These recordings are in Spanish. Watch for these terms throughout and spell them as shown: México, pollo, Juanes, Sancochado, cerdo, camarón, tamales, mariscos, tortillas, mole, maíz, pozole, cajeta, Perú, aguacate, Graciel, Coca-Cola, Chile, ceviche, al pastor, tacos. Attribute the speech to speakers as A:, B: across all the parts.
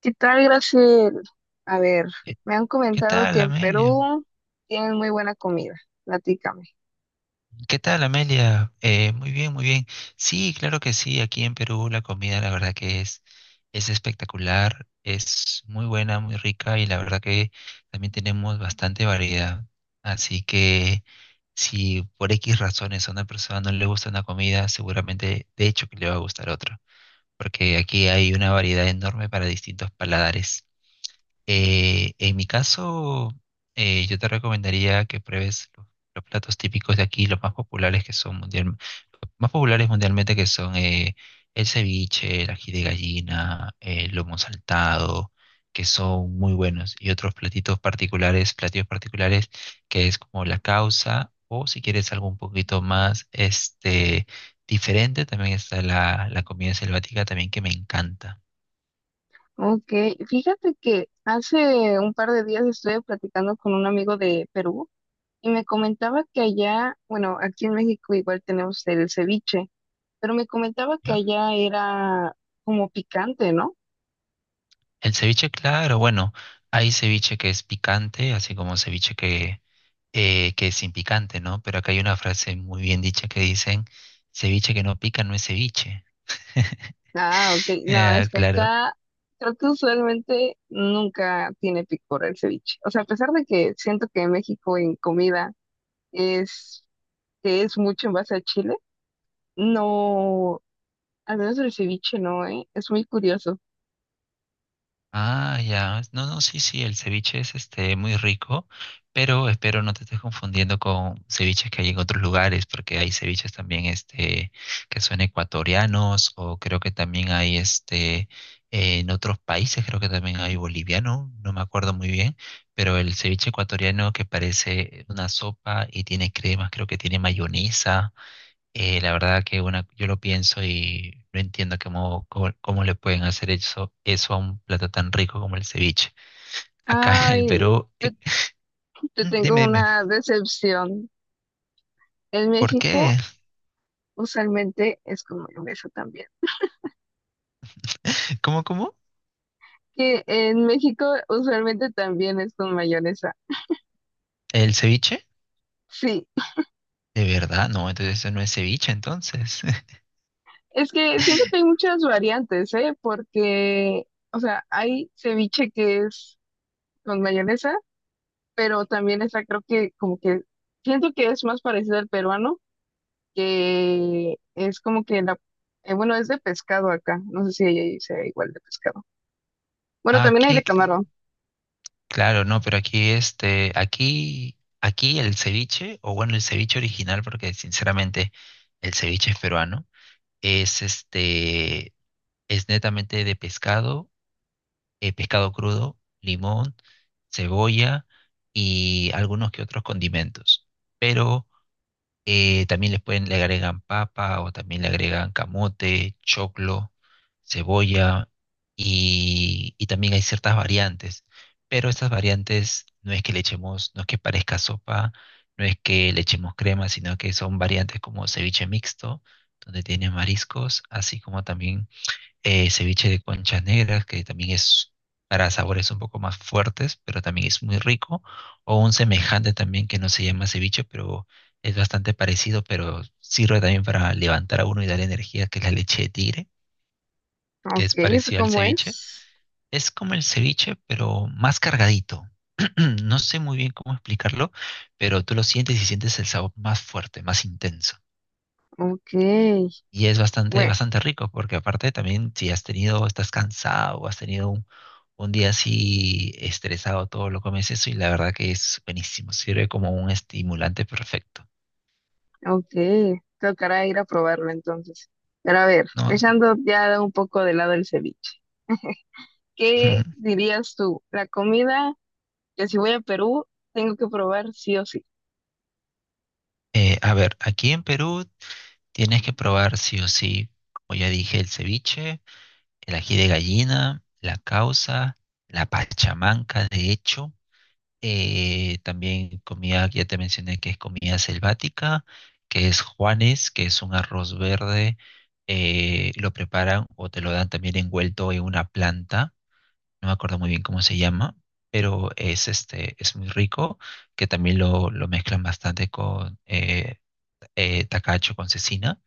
A: ¿Qué tal, Graciel? A ver,
B: ¿Qué
A: me han
B: qué
A: comentado que
B: tal,
A: en
B: Amelia?
A: Perú tienen muy buena comida. Platícame.
B: ¿Qué tal, Amelia? Muy bien, muy bien. Sí, claro que sí. Aquí en Perú la comida, la verdad que es espectacular, es muy buena, muy rica y la verdad que también tenemos bastante variedad. Así que si por X razones a una persona no le gusta una comida, seguramente de hecho que le va a gustar otra, porque aquí hay una variedad enorme para distintos paladares. En mi caso, yo te recomendaría que pruebes los platos típicos de aquí, los más populares que son mundial, los más populares mundialmente que son el ceviche, el ají de gallina, el lomo saltado, que son muy buenos, y otros platitos particulares, platillos particulares, que es como la causa, o si quieres algo un poquito más diferente, también está la comida selvática también que me encanta.
A: Ok, fíjate que hace un par de días estuve platicando con un amigo de Perú y me comentaba que allá, bueno, aquí en México igual tenemos el ceviche, pero me comentaba que
B: ¿Ya?
A: allá era como picante, ¿no?
B: El ceviche, claro, bueno, hay ceviche que es picante, así como ceviche que es sin picante, ¿no? Pero acá hay una frase muy bien dicha que dicen, ceviche que no pica no es ceviche.
A: Ah, ok, no,
B: Ah,
A: es que
B: claro.
A: acá creo que usualmente nunca tiene picor el ceviche. O sea, a pesar de que siento que en México en comida es que es mucho en base a Chile. No, al menos el ceviche no, ¿eh? Es muy curioso.
B: Ah, ya. No, no, sí, sí, el ceviche es este muy rico, pero espero no te estés confundiendo con ceviches que hay en otros lugares, porque hay ceviches también este que son ecuatorianos, o creo que también hay este en otros países, creo que también hay boliviano, no me acuerdo muy bien, pero el ceviche ecuatoriano que parece una sopa y tiene cremas, creo que tiene mayonesa. La verdad que bueno, yo lo pienso y no entiendo cómo le pueden hacer eso a un plato tan rico como el ceviche. Acá en el
A: Ay,
B: Perú.
A: te,
B: eh,
A: te
B: mm,
A: tengo
B: dime,
A: una decepción. En
B: ¿por
A: México
B: qué?
A: usualmente es con mayonesa también.
B: ¿Cómo, cómo?
A: Que en México usualmente también es con mayonesa.
B: ¿El ceviche?
A: Sí,
B: ¿De verdad? No, entonces eso no es ceviche, entonces.
A: es que siento que hay muchas variantes, ¿eh? Porque, o sea, hay ceviche que es con mayonesa, pero también está, creo que como que siento que es más parecido al peruano que es como que la, bueno, es de pescado acá, no sé si ahí sea igual de pescado. Bueno, también hay
B: Aquí,
A: de
B: cl-
A: camarón.
B: claro, no, pero aquí aquí, aquí el ceviche, o bueno, el ceviche original, porque sinceramente el ceviche es peruano, es es netamente de pescado pescado crudo, limón, cebolla y algunos que otros condimentos. Pero también les pueden, le agregan papa o también le agregan camote, choclo, cebolla y también hay ciertas variantes. Pero estas variantes no es que le echemos, no es que parezca sopa, no es que le echemos crema, sino que son variantes como ceviche mixto, donde tiene mariscos, así como también ceviche de conchas negras, que también es para sabores un poco más fuertes, pero también es muy rico, o un semejante también que no se llama ceviche, pero es bastante parecido, pero sirve también para levantar a uno y darle energía, que es la leche de tigre, que
A: Ok,
B: es
A: ¿eso
B: parecida al
A: cómo
B: ceviche.
A: es?
B: Es como el ceviche, pero más cargadito. No sé muy bien cómo explicarlo, pero tú lo sientes y sientes el sabor más fuerte, más intenso.
A: Ok,
B: Y es
A: bueno,
B: bastante rico, porque aparte también si has tenido, estás cansado o has tenido un día así estresado, todo lo comes eso y la verdad que es buenísimo, sirve como un estimulante perfecto,
A: ok, tocará ir a probarlo entonces. Pero a ver,
B: ¿no? Es-
A: dejando ya un poco de lado el ceviche, ¿qué dirías tú? La comida que si voy a Perú tengo que probar sí o sí.
B: A ver, aquí en Perú tienes que probar sí o sí, como ya dije, el ceviche, el ají de gallina, la causa, la pachamanca, de hecho. También comida, que ya te mencioné que es comida selvática, que es Juanes, que es un arroz verde. Lo preparan o te lo dan también envuelto en una planta. No me acuerdo muy bien cómo se llama, pero es muy rico, que también lo mezclan bastante con tacacho, con cecina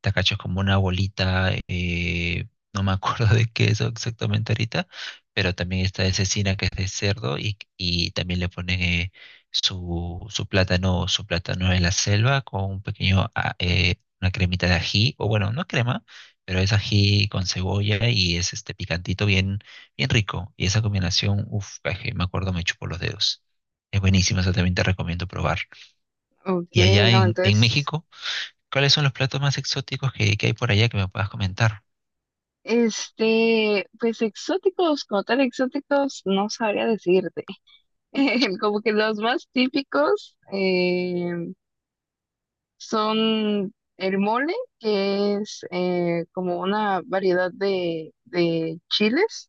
B: te cacho como una bolita, no me acuerdo de qué es exactamente ahorita, pero también está de cecina que es de cerdo y también le ponen su plátano en la selva con un pequeño, una cremita de ají, o bueno, no crema, pero es ají con cebolla y es este picantito bien rico. Y esa combinación, uff, me acuerdo, me chupo los dedos. Es buenísima, eso también te recomiendo probar.
A: Ok,
B: Y allá
A: no,
B: en
A: entonces,
B: México, ¿cuáles son los platos más exóticos que hay por allá que me puedas comentar?
A: pues exóticos, como tal exóticos, no sabría decirte. Como que los más típicos son el mole, que es como una variedad de chiles,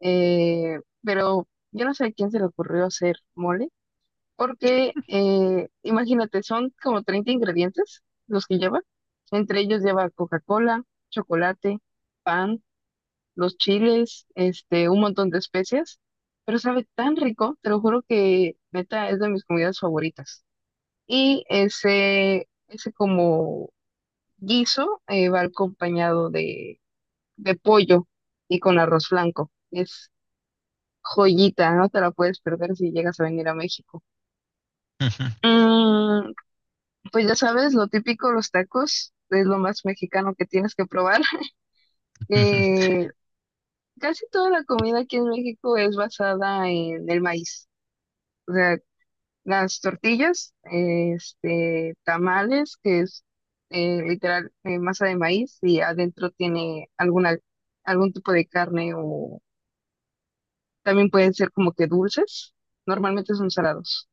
A: eh, pero yo no sé a quién se le ocurrió hacer mole, porque imagínate, son como 30 ingredientes los que lleva. Entre ellos lleva Coca-Cola, chocolate, pan, los chiles, un montón de especias, pero sabe tan rico, te lo juro que neta es de mis comidas favoritas. Y ese como guiso va acompañado de pollo y con arroz blanco. Es joyita, no te la puedes perder si llegas a venir a México. Mm, pues ya sabes, lo típico, los tacos, es lo más mexicano que tienes que probar. Eh, Casi toda la comida aquí en México es basada en el maíz. O sea, las tortillas, tamales, que es literal masa de maíz y adentro tiene algún tipo de carne o también pueden ser como que dulces, normalmente son salados,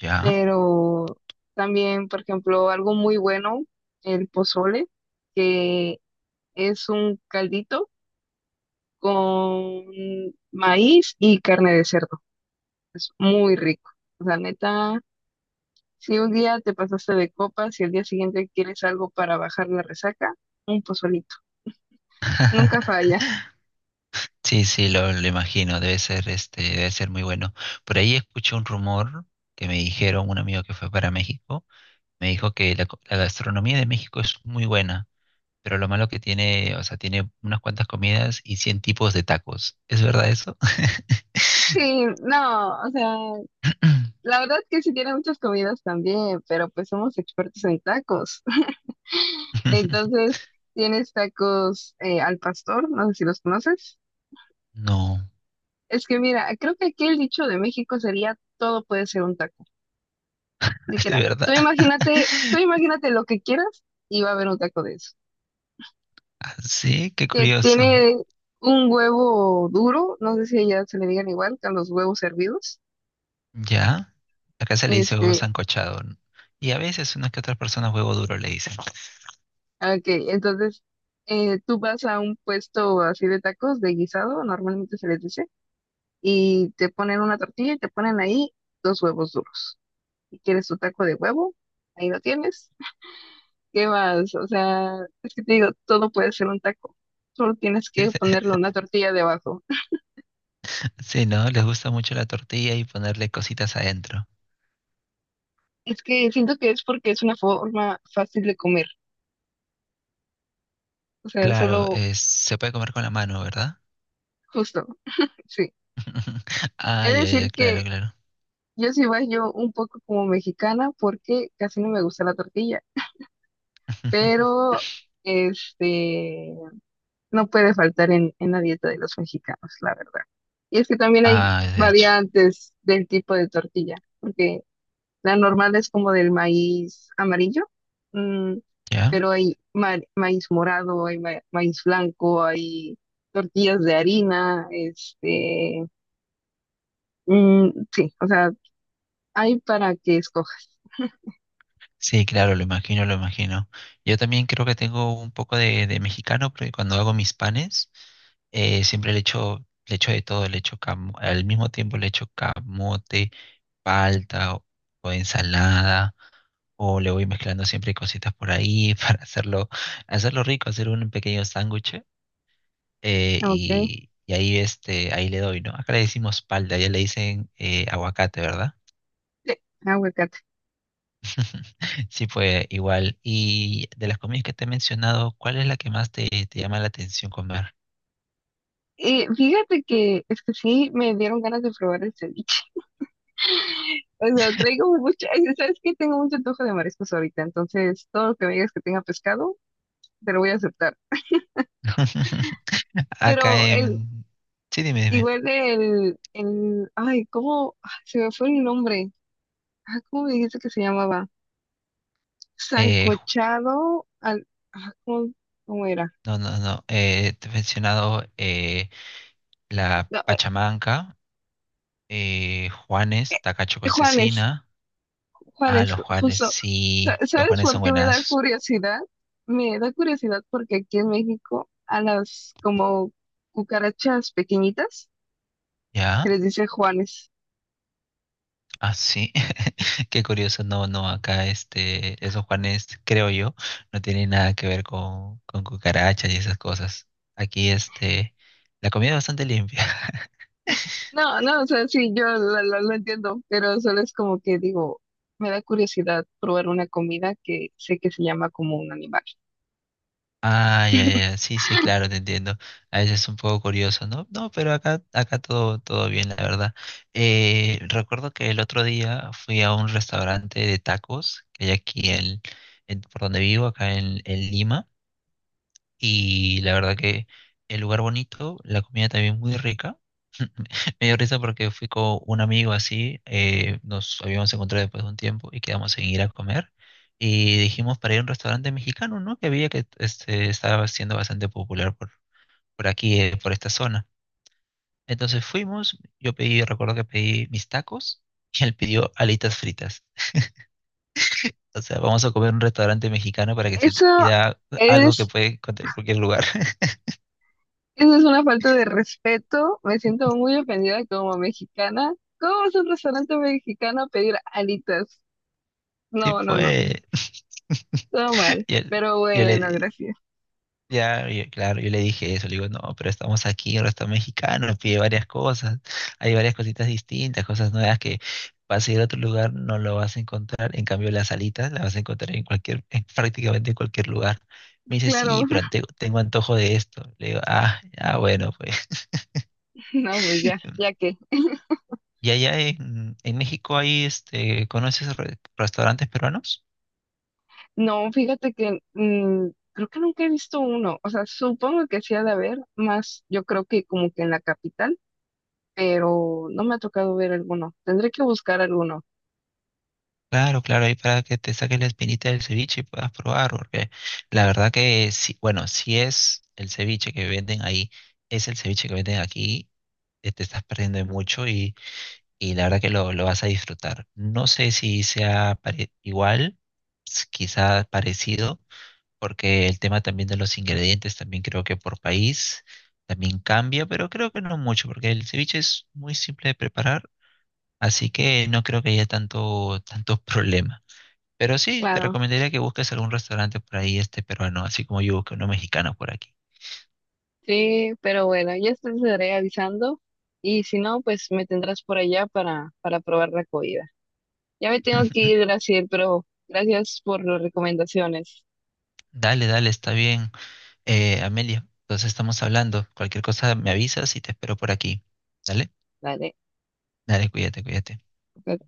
B: Ya.
A: pero también, por ejemplo, algo muy bueno, el pozole, que es un caldito con maíz y carne de cerdo, es muy rico, la neta. Si un día te pasaste de copas y al día siguiente quieres algo para bajar la resaca, un pozolito. Nunca falla.
B: Sí, sí, lo imagino, debe ser, este, debe ser muy bueno. Por ahí escuché un rumor que me dijeron, un amigo que fue para México, me dijo que la gastronomía de México es muy buena, pero lo malo que tiene, o sea, tiene unas cuantas comidas y cien tipos de tacos. ¿Es verdad eso?
A: Sí, no, o sea, la verdad que sí tiene muchas comidas también, pero pues somos expertos en tacos. Entonces, tienes tacos al pastor, no sé si los conoces.
B: No,
A: Es que mira, creo que aquí el dicho de México sería todo puede ser un taco,
B: es de
A: literal.
B: verdad.
A: Tú imagínate lo que quieras y va a haber un taco de eso.
B: Ah, sí, qué
A: Que
B: curioso.
A: tiene un huevo duro, no sé si ya se le digan igual que a los huevos hervidos.
B: Ya, acá se le dice huevo
A: Este,
B: sancochado, ¿no? Y a veces unas que otras personas huevo duro le dicen.
A: ok, entonces tú vas a un puesto así de tacos de guisado, normalmente se les dice, y te ponen una tortilla y te ponen ahí dos huevos duros. Si quieres tu taco de huevo, ahí lo tienes. ¿Qué más? O sea, es que te digo, todo puede ser un taco. Solo tienes que ponerle una tortilla debajo.
B: Sí, ¿no? Les gusta mucho la tortilla y ponerle cositas adentro.
A: Es que siento que es porque es una forma fácil de comer. O sea,
B: Claro,
A: solo
B: es- se puede comer con la mano, ¿verdad?
A: Justo, sí.
B: Ah,
A: Es
B: ya, ya,
A: decir
B: claro,
A: que
B: claro.
A: yo sí yo un poco como mexicana porque casi no me gusta la tortilla, pero este no puede faltar en la dieta de los mexicanos, la verdad. Y es que también hay
B: Ah, de hecho,
A: variantes del tipo de tortilla, porque la normal es como del maíz amarillo, mm,
B: ¿ya?
A: pero hay maíz morado, hay maíz blanco, hay tortillas de harina, este, mm, sí, o sea, hay para que escojas.
B: Sí, claro, lo imagino, lo imagino. Yo también creo que tengo un poco de mexicano, porque cuando hago mis panes, siempre le echo de todo, al mismo tiempo le echo camote, palta o, o ensalada, o le voy mezclando siempre cositas por ahí para hacerlo rico, hacer un pequeño sándwich,
A: Ok.
B: y ahí ahí le doy, ¿no? Acá le decimos palta, ya le dicen aguacate, ¿verdad?
A: Sí, aguacate.
B: Sí, fue igual. Y de las comidas que te he mencionado, ¿cuál es la que más te llama la atención comer?
A: Fíjate que es que sí me dieron ganas de probar el ceviche. O sea, traigo mucha, ay, sabes que tengo mucho antojo de mariscos ahorita, entonces todo lo que me digas que tenga pescado, te lo voy a aceptar.
B: Acá
A: Pero el,
B: en... Sí, dime, dime.
A: igual el, el, ay, ¿cómo? Ah, se me fue el nombre. Ah, ¿cómo me dijiste que se llamaba?
B: Eh, ju-
A: Sancochado al, ah, ¿cómo, cómo era?
B: no, no, no. Te he mencionado la
A: No,
B: pachamanca, Juanes, tacacho con
A: Juanes,
B: cecina. Ah, los Juanes,
A: Justo,
B: sí. Los
A: ¿sabes
B: Juanes
A: por
B: son
A: qué me da
B: buenazos.
A: curiosidad? Me da curiosidad porque aquí en México a las como cucarachas pequeñitas se les dice Juanes.
B: Ah, sí, qué curioso. No, no, acá esos Juanes, creo yo, no tienen nada que ver con cucarachas y esas cosas. Aquí este, la comida es bastante limpia.
A: No, no, o sea, sí, yo lo entiendo, pero solo es como que digo, me da curiosidad probar una comida que sé que se llama como un animal.
B: Ah, ya, ya, ya, sí, sí, claro, te entiendo. A veces es un poco curioso, ¿no? No, pero acá, acá todo, todo bien, la verdad. Recuerdo que el otro día fui a un restaurante de tacos que hay aquí por donde vivo, acá en Lima. Y la verdad que el lugar bonito, la comida también muy rica. Me dio risa porque fui con un amigo así, nos habíamos encontrado después de un tiempo y quedamos en ir a comer. Y dijimos para ir a un restaurante mexicano, ¿no? Que había que estaba siendo bastante popular por aquí, por esta zona. Entonces fuimos, yo pedí, recuerdo que pedí mis tacos y él pidió alitas fritas. O sea, vamos a comer en un restaurante mexicano para que se te
A: Eso
B: pida algo que
A: es,
B: puede encontrar en cualquier lugar.
A: eso es una falta de respeto, me siento muy ofendida como mexicana. ¿Cómo vas a un restaurante mexicano a pedir alitas?
B: Sí,
A: No, no, no.
B: fue.
A: Todo mal,
B: Y él-
A: pero
B: yo
A: bueno,
B: le,
A: gracias.
B: ya, yo- Claro, yo le dije eso, le digo, no, pero estamos aquí en un restaurante mexicano, pide varias cosas, hay varias cositas distintas, cosas nuevas que vas a ir a otro lugar, no lo vas a encontrar, en cambio las alitas las vas a encontrar en cualquier, en prácticamente en cualquier lugar. Me dice,
A: Claro,
B: sí, tengo antojo de esto. Le digo, ah, ah, bueno, pues.
A: no, pues ya, ya que.
B: ¿Y allá en México hay, este, conoces restaurantes peruanos?
A: No, fíjate que mm, creo que nunca he visto uno. O sea, supongo que sí ha de haber, más yo creo que como que en la capital, pero no me ha tocado ver alguno. Tendré que buscar alguno,
B: Claro, claro, ahí para que te saques la espinita del ceviche y puedas probar, porque la verdad que si, bueno, si es el ceviche que venden ahí, es el ceviche que venden aquí, te estás perdiendo de mucho y la verdad que lo vas a disfrutar. No sé si sea igual, s- quizá parecido, porque el tema también de los ingredientes, también creo que por país también cambia, pero creo que no mucho, porque el ceviche es muy simple de preparar, así que no creo que haya tanto problema. Pero sí, te
A: claro.
B: recomendaría que busques algún restaurante por ahí, este peruano, así como yo busqué uno mexicano por aquí.
A: Sí, pero bueno, ya te estaré avisando y si no, pues me tendrás por allá para probar la comida. Ya me tengo que ir, Graciel, pero gracias por las recomendaciones.
B: Dale, dale, está bien, Amelia. Entonces estamos hablando. Cualquier cosa me avisas y te espero por aquí. Dale,
A: Dale,
B: dale, cuídate, cuídate.
A: ok.